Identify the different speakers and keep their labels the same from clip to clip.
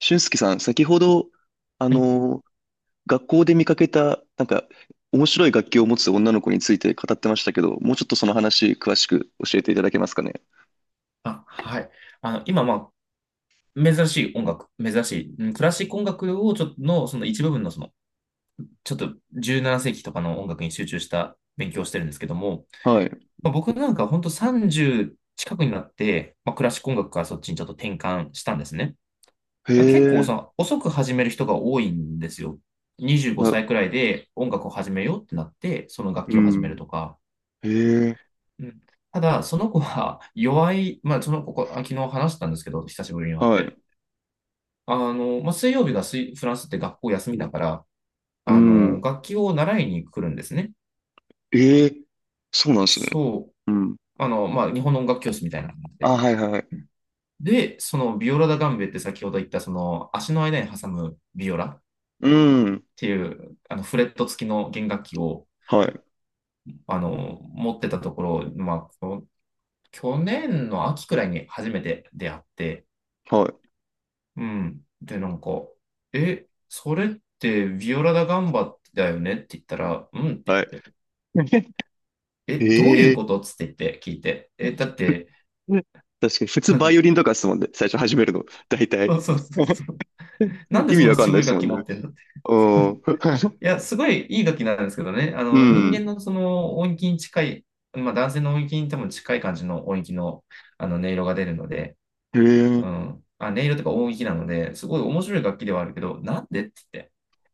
Speaker 1: 俊介さん、先ほど、あ
Speaker 2: はい。
Speaker 1: の、学校で見かけた、面白い楽器を持つ女の子について語ってましたけど、もうちょっとその話、詳しく教えていただけますかね。
Speaker 2: あ、はい。あの、今、まあ、珍しい音楽、珍しい、うんクラシック音楽をちょっとの、その一部分の、ちょっと17世紀とかの音楽に集中した勉強をしてるんですけども、
Speaker 1: はい。
Speaker 2: まあ、僕なんか本当30近くになって、まあ、クラシック音楽からそっちにちょっと転換したんですね。
Speaker 1: へ
Speaker 2: まあ、結構、そ
Speaker 1: え、
Speaker 2: の、遅く始める人が多いんですよ。25
Speaker 1: あ、
Speaker 2: 歳くらいで音楽を始めようってなって、その楽
Speaker 1: う
Speaker 2: 器を始める
Speaker 1: ん。
Speaker 2: とか。
Speaker 1: へえ、
Speaker 2: うん、ただ、その子は弱い、まあ、その子、ここあ昨日話したんですけど、久しぶりに会っ
Speaker 1: はい。
Speaker 2: て。あの、まあ、水曜日がフランスって学校休みだから、
Speaker 1: う
Speaker 2: あの、
Speaker 1: ん。
Speaker 2: 楽器を習いに来るんですね。
Speaker 1: ええ、そうなんですね。
Speaker 2: そう。
Speaker 1: うん。
Speaker 2: あの、まあ、日本の音楽教室みたいな感じ
Speaker 1: あ、
Speaker 2: で。
Speaker 1: はいはいはい。
Speaker 2: で、そのビオラダガンベって先ほど言った、その足の間に挟むビオラっ
Speaker 1: うん。
Speaker 2: ていう、あの、フレット付きの弦楽器を、
Speaker 1: はい。
Speaker 2: あの、持ってたところ、去年の秋くらいに初めて出会って、
Speaker 1: はい。
Speaker 2: うん。で、なんか、え、それってビオラダガンバだよねって言ったら、うんって
Speaker 1: はい。
Speaker 2: 言って、え、どうい
Speaker 1: え
Speaker 2: う
Speaker 1: え、
Speaker 2: ことつって言って聞いて。え、だって、
Speaker 1: 確かに、普通バイオリン とかですもんね。最初始めるの、大体。
Speaker 2: そうそうそう そう。なんで
Speaker 1: 意
Speaker 2: そ
Speaker 1: 味
Speaker 2: んな
Speaker 1: わかんな
Speaker 2: 渋
Speaker 1: いで
Speaker 2: い
Speaker 1: す
Speaker 2: 楽
Speaker 1: もん
Speaker 2: 器持
Speaker 1: ね。
Speaker 2: ってんだって。
Speaker 1: う ん。
Speaker 2: い や、すごいいい楽器なんですけどね。あ
Speaker 1: う
Speaker 2: の、人間
Speaker 1: ん。
Speaker 2: のその音域に近い、まあ男性の音域に多分近い感じの音域の、あの音色が出るので、
Speaker 1: へえ、
Speaker 2: うん。あ、音色とか音域なので、すごい面白い楽器ではあるけど、なんでって言って。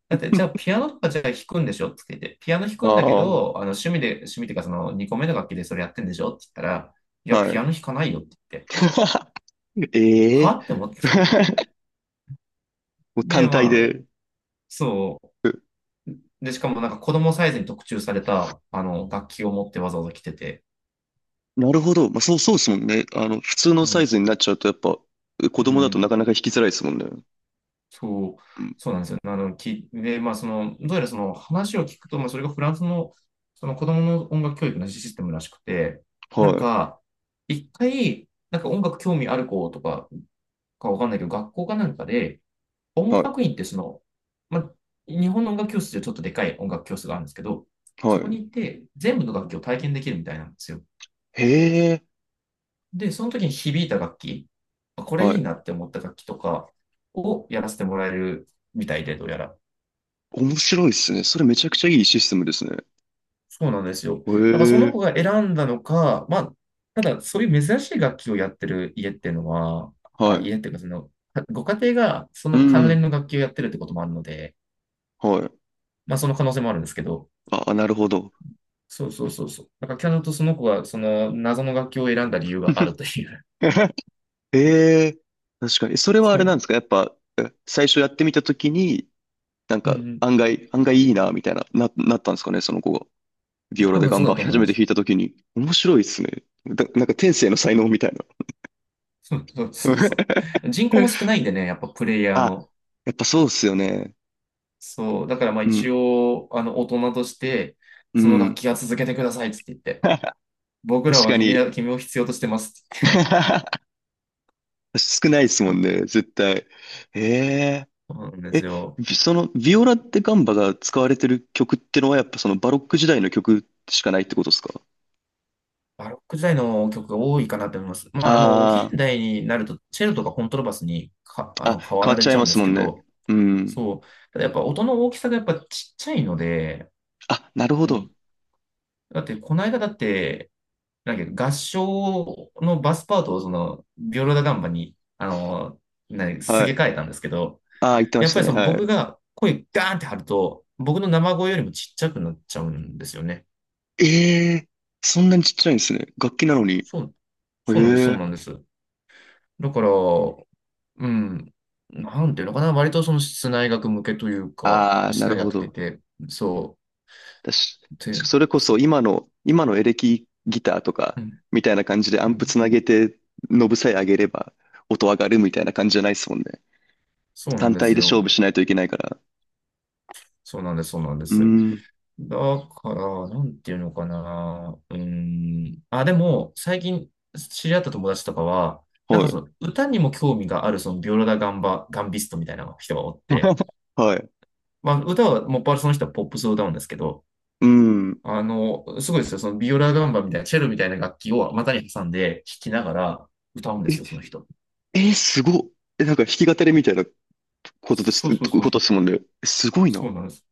Speaker 2: だって、じゃあピアノとかじゃあ弾くんでしょって言って、ピアノ弾くんだけ
Speaker 1: あ
Speaker 2: ど、あの趣味で、趣味っていうかその2個目の楽器でそれやってんでしょって言ったら、い
Speaker 1: あ、
Speaker 2: や、
Speaker 1: は
Speaker 2: ピアノ
Speaker 1: い。
Speaker 2: 弾かないよって言って。
Speaker 1: え
Speaker 2: は
Speaker 1: え。
Speaker 2: って思って。
Speaker 1: もう
Speaker 2: で、
Speaker 1: 単
Speaker 2: ま
Speaker 1: 体
Speaker 2: あ、
Speaker 1: で。
Speaker 2: そう。で、しかもなんか子供サイズに特注された、あの、楽器を持ってわざわざ来てて。
Speaker 1: なるほど。まあ、そう、そうですもんね。普通の
Speaker 2: う
Speaker 1: サイ
Speaker 2: ん。
Speaker 1: ズになっちゃうと、やっぱ、子
Speaker 2: う
Speaker 1: 供だとな
Speaker 2: ん。
Speaker 1: かなか引きづらいですもんね。
Speaker 2: そう。
Speaker 1: うん。
Speaker 2: そうなんですよ。まあ、その、どうやらその話を聞くと、まあ、それがフランスの、その子供の音楽教育のシステムらしくて、なん
Speaker 1: はい。
Speaker 2: か、一回、なんか音楽興味ある子とかわかんないけど、学校かなんかで、音
Speaker 1: はい。
Speaker 2: 楽院ってその、ま、日本の音楽教室でちょっとでかい音楽教室があるんですけど、
Speaker 1: は
Speaker 2: そこ
Speaker 1: い。
Speaker 2: に行って全部の楽器を体験できるみたいなんですよ。
Speaker 1: へえ。
Speaker 2: で、その時に響いた楽器、これ
Speaker 1: は
Speaker 2: いい
Speaker 1: い。
Speaker 2: なって思った楽器とかをやらせてもらえるみたいで、どうやら。
Speaker 1: 面白いですね。それめちゃくちゃいいシステムですね。
Speaker 2: そうなんですよ。
Speaker 1: へ
Speaker 2: だからその
Speaker 1: え。
Speaker 2: 子が選んだのか、まあ、ただそういう珍しい楽器をやってる家っていうのは、
Speaker 1: は
Speaker 2: あ、
Speaker 1: い。
Speaker 2: 家っていうかその、ご家庭がそ
Speaker 1: う
Speaker 2: の関連
Speaker 1: ん。
Speaker 2: の楽器をやってるってこともあるので、
Speaker 1: はい。
Speaker 2: まあその可能性もあるんですけど、
Speaker 1: あ、なるほど。
Speaker 2: そうそうそうそう。だからキャノとその子がその謎の楽器を選んだ理由があると いう。
Speaker 1: ええ。確かに。そ れはあ
Speaker 2: そ
Speaker 1: れなん
Speaker 2: う。
Speaker 1: ですか、やっぱ、最初やってみたときに、なん
Speaker 2: う
Speaker 1: か、
Speaker 2: ん
Speaker 1: 案外、案外いいな、みたいな、なったんですかね、その子が。
Speaker 2: う
Speaker 1: ビ
Speaker 2: ん。
Speaker 1: オラ
Speaker 2: 多
Speaker 1: で
Speaker 2: 分そ
Speaker 1: 頑
Speaker 2: うだ
Speaker 1: 張
Speaker 2: と
Speaker 1: り
Speaker 2: 思い
Speaker 1: 初
Speaker 2: ま
Speaker 1: めて
Speaker 2: す。
Speaker 1: 弾いたときに、面白いっすね。だなんか天性の才能みたいな。
Speaker 2: そうそうそうそ う。人口も少ないんでね、やっぱプレイヤー
Speaker 1: あ、
Speaker 2: の。
Speaker 1: やっぱそうっすよね。
Speaker 2: そう。だからまあ
Speaker 1: う
Speaker 2: 一
Speaker 1: ん、
Speaker 2: 応、あの、大人として、
Speaker 1: う
Speaker 2: その楽
Speaker 1: ん。
Speaker 2: 器は続けてくださいっつって言っ て。僕ら
Speaker 1: 確
Speaker 2: は
Speaker 1: か
Speaker 2: 君ら、
Speaker 1: に。
Speaker 2: 君を必要としてますって言って。
Speaker 1: 少ないっすもんね、絶対。ええ
Speaker 2: そうなんです
Speaker 1: え、
Speaker 2: よ。
Speaker 1: ビその、ビオラでガンバが使われてる曲ってのは、やっぱそのバロック時代の曲しかないってことですか？
Speaker 2: バロック時代の曲が多いかなと思います。まあ、あの、現
Speaker 1: あ
Speaker 2: 代になると、チェロとかコントラバスにか、あ
Speaker 1: あー、あ、
Speaker 2: の、変わ
Speaker 1: 変わ
Speaker 2: ら
Speaker 1: っ
Speaker 2: れ
Speaker 1: ちゃい
Speaker 2: ちゃう
Speaker 1: ま
Speaker 2: んで
Speaker 1: す
Speaker 2: す
Speaker 1: も
Speaker 2: け
Speaker 1: んね。
Speaker 2: ど、
Speaker 1: うん。
Speaker 2: そう。ただやっぱ音の大きさがやっぱちっちゃいので、
Speaker 1: あ、なるほ
Speaker 2: う
Speaker 1: ど。
Speaker 2: ん。だってこの間だって、なんだっけ合唱のバスパートをその、ビオラダガンバに、あの、す
Speaker 1: は
Speaker 2: げ替え
Speaker 1: い。
Speaker 2: たんですけど、
Speaker 1: ああ、言ってま
Speaker 2: やっ
Speaker 1: し
Speaker 2: ぱ
Speaker 1: た
Speaker 2: り
Speaker 1: ね。
Speaker 2: その
Speaker 1: は
Speaker 2: 僕
Speaker 1: い。
Speaker 2: が声ガーンって張ると、僕の生声よりもちっちゃくなっちゃうんですよね。
Speaker 1: ええ、そんなにちっちゃいんですね。楽器なのに。
Speaker 2: そう、
Speaker 1: え
Speaker 2: そうなんです、そう
Speaker 1: え、
Speaker 2: なんです。だから、うん、なんていうのかな、割とその室内楽向けというか、
Speaker 1: ああ、な
Speaker 2: 室
Speaker 1: る
Speaker 2: 内
Speaker 1: ほ
Speaker 2: 楽って
Speaker 1: ど。
Speaker 2: 言って、そ
Speaker 1: だし、
Speaker 2: う、って
Speaker 1: そ
Speaker 2: あ
Speaker 1: れ
Speaker 2: れで
Speaker 1: こ
Speaker 2: す
Speaker 1: そ
Speaker 2: ね。
Speaker 1: 今の、エレキギターとか、
Speaker 2: うん
Speaker 1: みたいな感じでア
Speaker 2: う
Speaker 1: ンプ
Speaker 2: ん、
Speaker 1: つなげて、ノブさえ上げれば音上がるみたいな感じじゃないですもんね。
Speaker 2: そうな
Speaker 1: 単
Speaker 2: んで
Speaker 1: 体
Speaker 2: す
Speaker 1: で勝
Speaker 2: よ。
Speaker 1: 負しないといけないから。
Speaker 2: そうなんです、そうなんで
Speaker 1: うー
Speaker 2: す。
Speaker 1: ん、
Speaker 2: だから、なんていうのかな。うーん。あ、でも、最近知り合った友達とかは、なん
Speaker 1: は
Speaker 2: か
Speaker 1: い。
Speaker 2: その歌にも興味がある、そのビオラダ・ガンバ、ガンビストみたいな人がおって、
Speaker 1: はい。
Speaker 2: まあ、歌は、もっぱらその人はポップスを歌うんですけど、
Speaker 1: うん。
Speaker 2: あの、すごいですよ。そのビオラ・ガンバみたいな、チェロみたいな楽器を股に挟んで弾きながら歌うんです
Speaker 1: え、
Speaker 2: よ、その人。
Speaker 1: え、すごっ。え、なんか弾き語りみたいなことで
Speaker 2: そう
Speaker 1: す、
Speaker 2: そう
Speaker 1: こ
Speaker 2: そう。
Speaker 1: とですもんね。えすごい
Speaker 2: そ
Speaker 1: な。
Speaker 2: うなんです。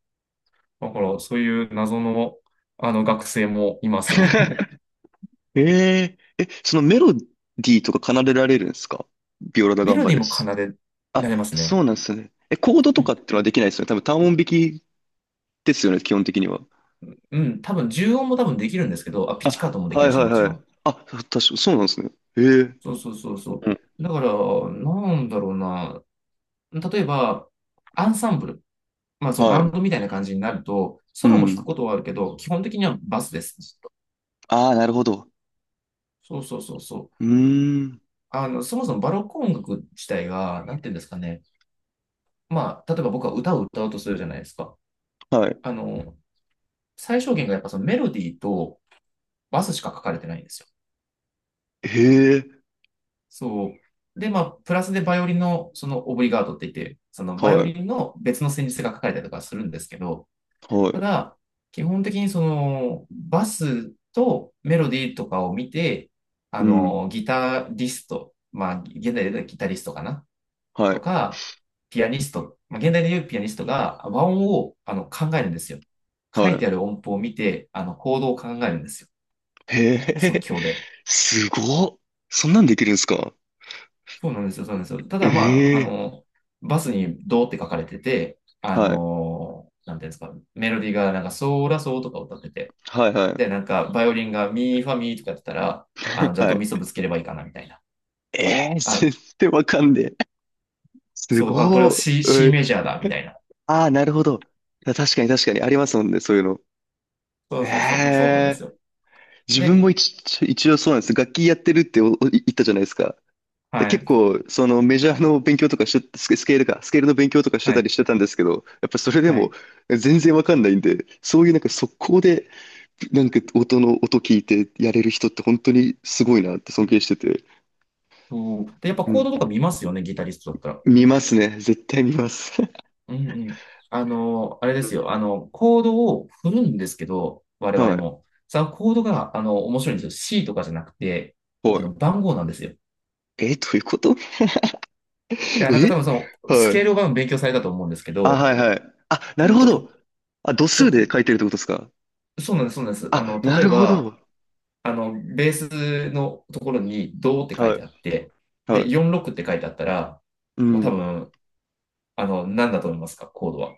Speaker 2: だから、そういう謎の、あの学生もいます。
Speaker 1: えええ、そのメロディーとか奏でられるんですか？ビオラだガ
Speaker 2: メ
Speaker 1: ン
Speaker 2: ロ
Speaker 1: バ
Speaker 2: ディー
Speaker 1: で
Speaker 2: も奏
Speaker 1: す。
Speaker 2: で
Speaker 1: あ、
Speaker 2: られますね。
Speaker 1: そうなんですね。え、コード
Speaker 2: う
Speaker 1: とか
Speaker 2: ん、
Speaker 1: ってのはできないですよね。多分単音弾きですよね、基本的には。
Speaker 2: うん多分、重音も多分できるんですけど、あ、ピチカ
Speaker 1: あ、
Speaker 2: ートもでき
Speaker 1: はい
Speaker 2: る
Speaker 1: は
Speaker 2: し、
Speaker 1: い
Speaker 2: もち
Speaker 1: は
Speaker 2: ろ
Speaker 1: い。
Speaker 2: ん。
Speaker 1: あ、確か、そうなんですね。え
Speaker 2: そ
Speaker 1: え、
Speaker 2: うそうそうそ
Speaker 1: うん。
Speaker 2: う。だから、なんだろうな。例えば、アンサンブル。まあ、その
Speaker 1: は
Speaker 2: バン
Speaker 1: い。
Speaker 2: ドみたいな感じになると、
Speaker 1: う
Speaker 2: ソロも弾く
Speaker 1: ん。
Speaker 2: ことはあるけど、基本的にはバスです。ずっと
Speaker 1: ああ、なるほど。
Speaker 2: そうそうそうそ
Speaker 1: う
Speaker 2: う。
Speaker 1: ーん。
Speaker 2: あの、そもそもバロック音楽自体が、なんていうんですかね。まあ、例えば僕は歌を歌うとするじゃないですか。
Speaker 1: はい。
Speaker 2: あの、最小限がやっぱそのメロディーとバスしか書かれてないんですよ。
Speaker 1: へえ。
Speaker 2: そう。で、まあ、プラスでバイオリンの、その、オブリガードって言って、その、バイ
Speaker 1: は
Speaker 2: オ
Speaker 1: い。
Speaker 2: リンの別の旋律が書かれたりとかするんですけど、
Speaker 1: は
Speaker 2: た
Speaker 1: い。
Speaker 2: だ、基本的にその、バスとメロディーとかを見て、あ
Speaker 1: うん。
Speaker 2: の、ギタリスト、まあ、現代で言うとギタリストかな
Speaker 1: は
Speaker 2: と
Speaker 1: い。
Speaker 2: か、ピアニスト、まあ、現代で言うピアニストが和音をあの考えるんですよ。書いて
Speaker 1: は
Speaker 2: ある音符を見て、あの、コードを考えるんですよ。
Speaker 1: い。へ
Speaker 2: 即
Speaker 1: え。
Speaker 2: 興で。
Speaker 1: すごっ。そんなんできるんですか？
Speaker 2: そうなんですよ、そうなんですよ。ただまあ、あ
Speaker 1: ええ、
Speaker 2: の、バスにドーって書かれてて、あ
Speaker 1: はい。
Speaker 2: の、なんていうんですか、メロディーがなんかソーラソーとか歌ってて、
Speaker 1: はいは
Speaker 2: で、
Speaker 1: い。
Speaker 2: なんかバイオリンがミーファミーとかやってたら、あの、じゃあ
Speaker 1: は
Speaker 2: ド
Speaker 1: い。
Speaker 2: ミソぶつければいいかな、みたいな。
Speaker 1: え、えー
Speaker 2: あ、
Speaker 1: 全然わかんねえ。す
Speaker 2: そう、あ、これは
Speaker 1: ご
Speaker 2: C、
Speaker 1: い。う
Speaker 2: C
Speaker 1: ん
Speaker 2: メジャーだ、みたいな。
Speaker 1: ああ、なるほど。た確かに確かにありますもんね、そういうの。
Speaker 2: そ
Speaker 1: え
Speaker 2: うそうそうそう、そうなんです
Speaker 1: え
Speaker 2: よ。
Speaker 1: 自分
Speaker 2: で、
Speaker 1: も一、一応そうなんです。楽器やってるっておお言ったじゃないですか。で、
Speaker 2: は
Speaker 1: 結
Speaker 2: い、
Speaker 1: 構、そのメジャーの勉強とかしスケ、スケールか、スケールの勉強とかして
Speaker 2: は
Speaker 1: たり
Speaker 2: い、
Speaker 1: してたんですけど、やっぱそれで
Speaker 2: は
Speaker 1: も
Speaker 2: い。
Speaker 1: 全然わかんないんで、そういうなんか速攻で、なんか音の音聞いてやれる人って本当にすごいなって
Speaker 2: う
Speaker 1: 尊敬
Speaker 2: ん
Speaker 1: してて。
Speaker 2: とで、やっぱ
Speaker 1: う
Speaker 2: コード
Speaker 1: ん。
Speaker 2: とか見ますよね、ギタリストだったら。
Speaker 1: 見ますね。絶対見ます。
Speaker 2: うんうん。あの、あ
Speaker 1: う
Speaker 2: れですよ。
Speaker 1: ん
Speaker 2: あの、コードを振るんですけど、我々
Speaker 1: は
Speaker 2: も。そのコードが、あの、面白いんですよ。C とかじゃなくて、
Speaker 1: い。
Speaker 2: あ
Speaker 1: は
Speaker 2: の、
Speaker 1: い。
Speaker 2: 番号なんですよ。い
Speaker 1: え、どういうこと？
Speaker 2: や、なんか
Speaker 1: え、
Speaker 2: 多分その、ス
Speaker 1: は
Speaker 2: ケー
Speaker 1: い。
Speaker 2: ルを多分勉強されたと思うんですけ
Speaker 1: あ、
Speaker 2: ど、
Speaker 1: はいはい。あ、な
Speaker 2: う
Speaker 1: る
Speaker 2: ん
Speaker 1: ほ
Speaker 2: と、た、
Speaker 1: ど。あ、度数
Speaker 2: そ、
Speaker 1: で書いてるってことですか？
Speaker 2: そうなんです、そうなんです。あ
Speaker 1: あ、
Speaker 2: の、
Speaker 1: な
Speaker 2: 例え
Speaker 1: るほ
Speaker 2: ば、
Speaker 1: ど。
Speaker 2: あの、ベースのところに、ドって書い
Speaker 1: は
Speaker 2: てあ
Speaker 1: い。
Speaker 2: って、
Speaker 1: は
Speaker 2: で、
Speaker 1: い。
Speaker 2: 46って書いてあったら、
Speaker 1: う
Speaker 2: もう多
Speaker 1: ん。
Speaker 2: 分、あの、何だと思いますか、コードは。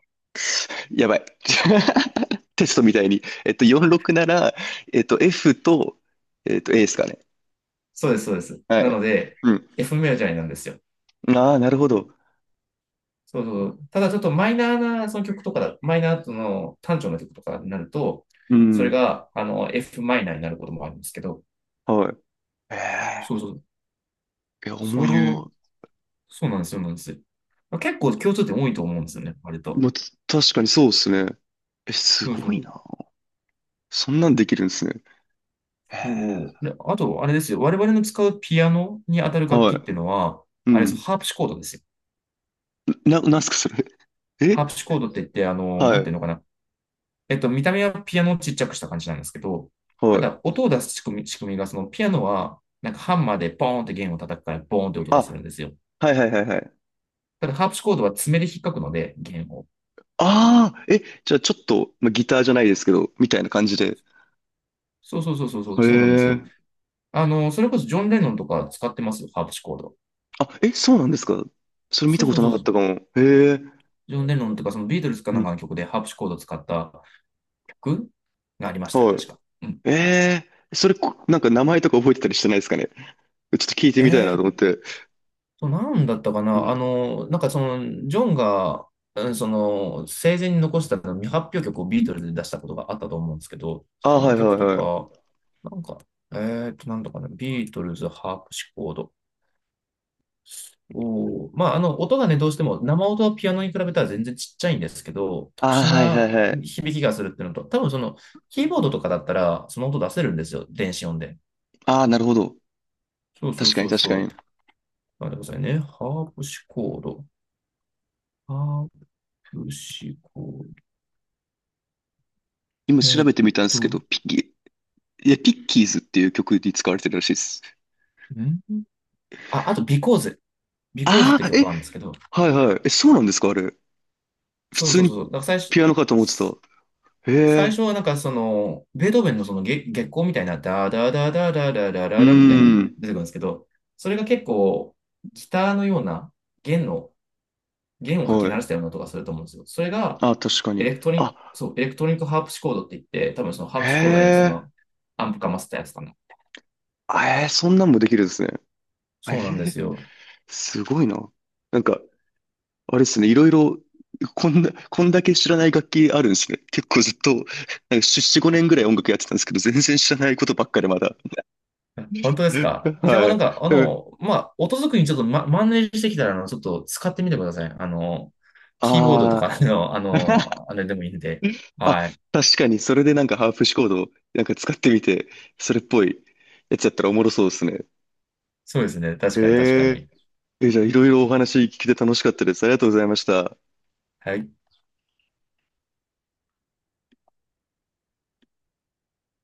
Speaker 1: やばい。テストみたいに。46なら、F と、A ですかね。
Speaker 2: そうです、そうです。
Speaker 1: は
Speaker 2: なの
Speaker 1: い。
Speaker 2: で、
Speaker 1: うん。
Speaker 2: F メロじゃないなんですよ。
Speaker 1: ああ、なるほど。
Speaker 2: そうそう。ただちょっとマイナーなその曲とかだ、マイナーの単調な曲とかになると、
Speaker 1: う
Speaker 2: それ
Speaker 1: ん。
Speaker 2: がF マイナーになることもあるんですけど、
Speaker 1: はい。え
Speaker 2: そう
Speaker 1: え、
Speaker 2: そう、
Speaker 1: いや、お
Speaker 2: そ
Speaker 1: も
Speaker 2: ういう、
Speaker 1: ろ。
Speaker 2: そうなんですよ、そうなんですよ。まあ結構共通点多いと思うんですよね、割と。
Speaker 1: まあ、確かにそうですね。え、す
Speaker 2: そうそ
Speaker 1: ごい
Speaker 2: う。
Speaker 1: な。そんなんできるんですね。え
Speaker 2: そうで、あと、あれですよ、我々の使うピアノに当たる楽
Speaker 1: は
Speaker 2: 器っ
Speaker 1: い。
Speaker 2: ていうのは、
Speaker 1: う
Speaker 2: あれですよ、
Speaker 1: ん。
Speaker 2: ハープシコードですよ。
Speaker 1: なんすか、それ。
Speaker 2: ハープ
Speaker 1: え、
Speaker 2: シコードって言って、
Speaker 1: は
Speaker 2: なんていう
Speaker 1: い、
Speaker 2: のかな、見た目はピアノをちっちゃくした感じなんですけど、た
Speaker 1: はい。
Speaker 2: だ、音を出す仕組みが、そのピアノは、なんかハンマーでポーンって弦を叩くから、ボーンって音がする
Speaker 1: あ、
Speaker 2: んですよ。
Speaker 1: はいはいはいはい。
Speaker 2: ただ、ハープシコードは爪で引っかくので、弦を。
Speaker 1: ああ、え、じゃあちょっと、まあ、ギターじゃないですけど、みたいな感じで。
Speaker 2: そうそうそうそうそ
Speaker 1: へ
Speaker 2: う、そうなんですよ。
Speaker 1: え。
Speaker 2: あの、それこそジョン・レノンとか使ってますよ、ハープシコード。
Speaker 1: あ、え、そうなんですか？それ見
Speaker 2: そ
Speaker 1: た
Speaker 2: う
Speaker 1: こ
Speaker 2: そう
Speaker 1: と
Speaker 2: そ
Speaker 1: な
Speaker 2: う
Speaker 1: か
Speaker 2: そ
Speaker 1: っ
Speaker 2: う、
Speaker 1: たかも。へえ。
Speaker 2: ジョン・レノンとか、そのビートルズか
Speaker 1: う
Speaker 2: なんか
Speaker 1: ん、
Speaker 2: の曲でハープシコードを使った曲がありましたよ、
Speaker 1: は
Speaker 2: 確か。うん。
Speaker 1: い。ええ、それ、なんか名前とか覚えてたりしてないですかね？ちょっと聞いて
Speaker 2: え
Speaker 1: みたいなと
Speaker 2: ー
Speaker 1: 思って。
Speaker 2: そう、なんだったか
Speaker 1: う
Speaker 2: な。
Speaker 1: ん。
Speaker 2: なんかその、ジョンが、うんその、生前に残した未発表曲をビートルズで出したことがあったと思うんですけど、
Speaker 1: ああ、
Speaker 2: そ
Speaker 1: は
Speaker 2: の
Speaker 1: いは
Speaker 2: 曲
Speaker 1: い
Speaker 2: と
Speaker 1: はい。
Speaker 2: か、なんか、えなんだかな、ビートルズ、ハープシコード。まあ、あの、音がね、どうしても、生音はピアノに比べたら全然ちっちゃいんですけど、特
Speaker 1: ああ、
Speaker 2: 殊
Speaker 1: はいは
Speaker 2: な
Speaker 1: いはい。
Speaker 2: 響きがするっていうのと、多分その、キーボードとかだったら、その音出せるんですよ、電子音で。
Speaker 1: ああ、なるほど。
Speaker 2: そうそ
Speaker 1: 確
Speaker 2: う
Speaker 1: か
Speaker 2: そ
Speaker 1: に
Speaker 2: う
Speaker 1: 確か
Speaker 2: そう。
Speaker 1: に。
Speaker 2: 待ってくださいね。ハープシコード。ハープシコード。
Speaker 1: 今調
Speaker 2: えー
Speaker 1: べ
Speaker 2: っ
Speaker 1: てみたんですけ
Speaker 2: と、
Speaker 1: ど、ピッキーズっていう曲に使われてるらしいです。
Speaker 2: んあ、あと、ビコーズ。ビコーズっ
Speaker 1: あ
Speaker 2: て
Speaker 1: あ、
Speaker 2: 曲
Speaker 1: え、
Speaker 2: があるんですけど、
Speaker 1: はいはい。え、そうなんですか？あれ、普
Speaker 2: そう
Speaker 1: 通
Speaker 2: そうそう。
Speaker 1: に
Speaker 2: だから
Speaker 1: ピアノかと思ってた。へ
Speaker 2: 最
Speaker 1: え。
Speaker 2: 初はなんかその、ベートーベンのその月光みたいな、ダダダダダダダ
Speaker 1: うー
Speaker 2: ダ
Speaker 1: う
Speaker 2: ダみたいなの
Speaker 1: ん。
Speaker 2: が
Speaker 1: ん。
Speaker 2: 出てくるんですけど、それが結構、ギターのような弦の、弦をかき
Speaker 1: は
Speaker 2: 鳴
Speaker 1: い。
Speaker 2: らしたような音がすると思うんですよ。それが、
Speaker 1: あ、確かに。あ、
Speaker 2: エレクトリックハープシコードって言って、多分そのハ
Speaker 1: へ
Speaker 2: ープシコードにそ
Speaker 1: え。
Speaker 2: の、アンプかませたやつかな。
Speaker 1: あ、そんなんもできるんですね。あえ
Speaker 2: そうなんで
Speaker 1: ー、
Speaker 2: すよ。
Speaker 1: すごいな。なんか、あれですね。いろいろ、こんだけ知らない楽器あるんですね。結構ずっと、なんか5年ぐらい音楽やってたんですけど、全然知らないことばっかでまだ。
Speaker 2: 本当ですか。 じゃあ、
Speaker 1: は
Speaker 2: なん
Speaker 1: い。
Speaker 2: か、あの、まあ、音作りにちょっと、マネージしてきたら、あの、ちょっと使ってみてください。あの、キーボードと
Speaker 1: あ
Speaker 2: か
Speaker 1: あ
Speaker 2: の、あの、あれでもいいん
Speaker 1: ー。
Speaker 2: で。はい。
Speaker 1: 確かに、それでなんかハーフシコードなんか使ってみて、それっぽいやつやったらおもろそうですね。
Speaker 2: そうですね。確かに、確か
Speaker 1: え
Speaker 2: に。
Speaker 1: ええ、じゃあいろいろお話聞けて楽しかったです。ありがとうございました。
Speaker 2: はい。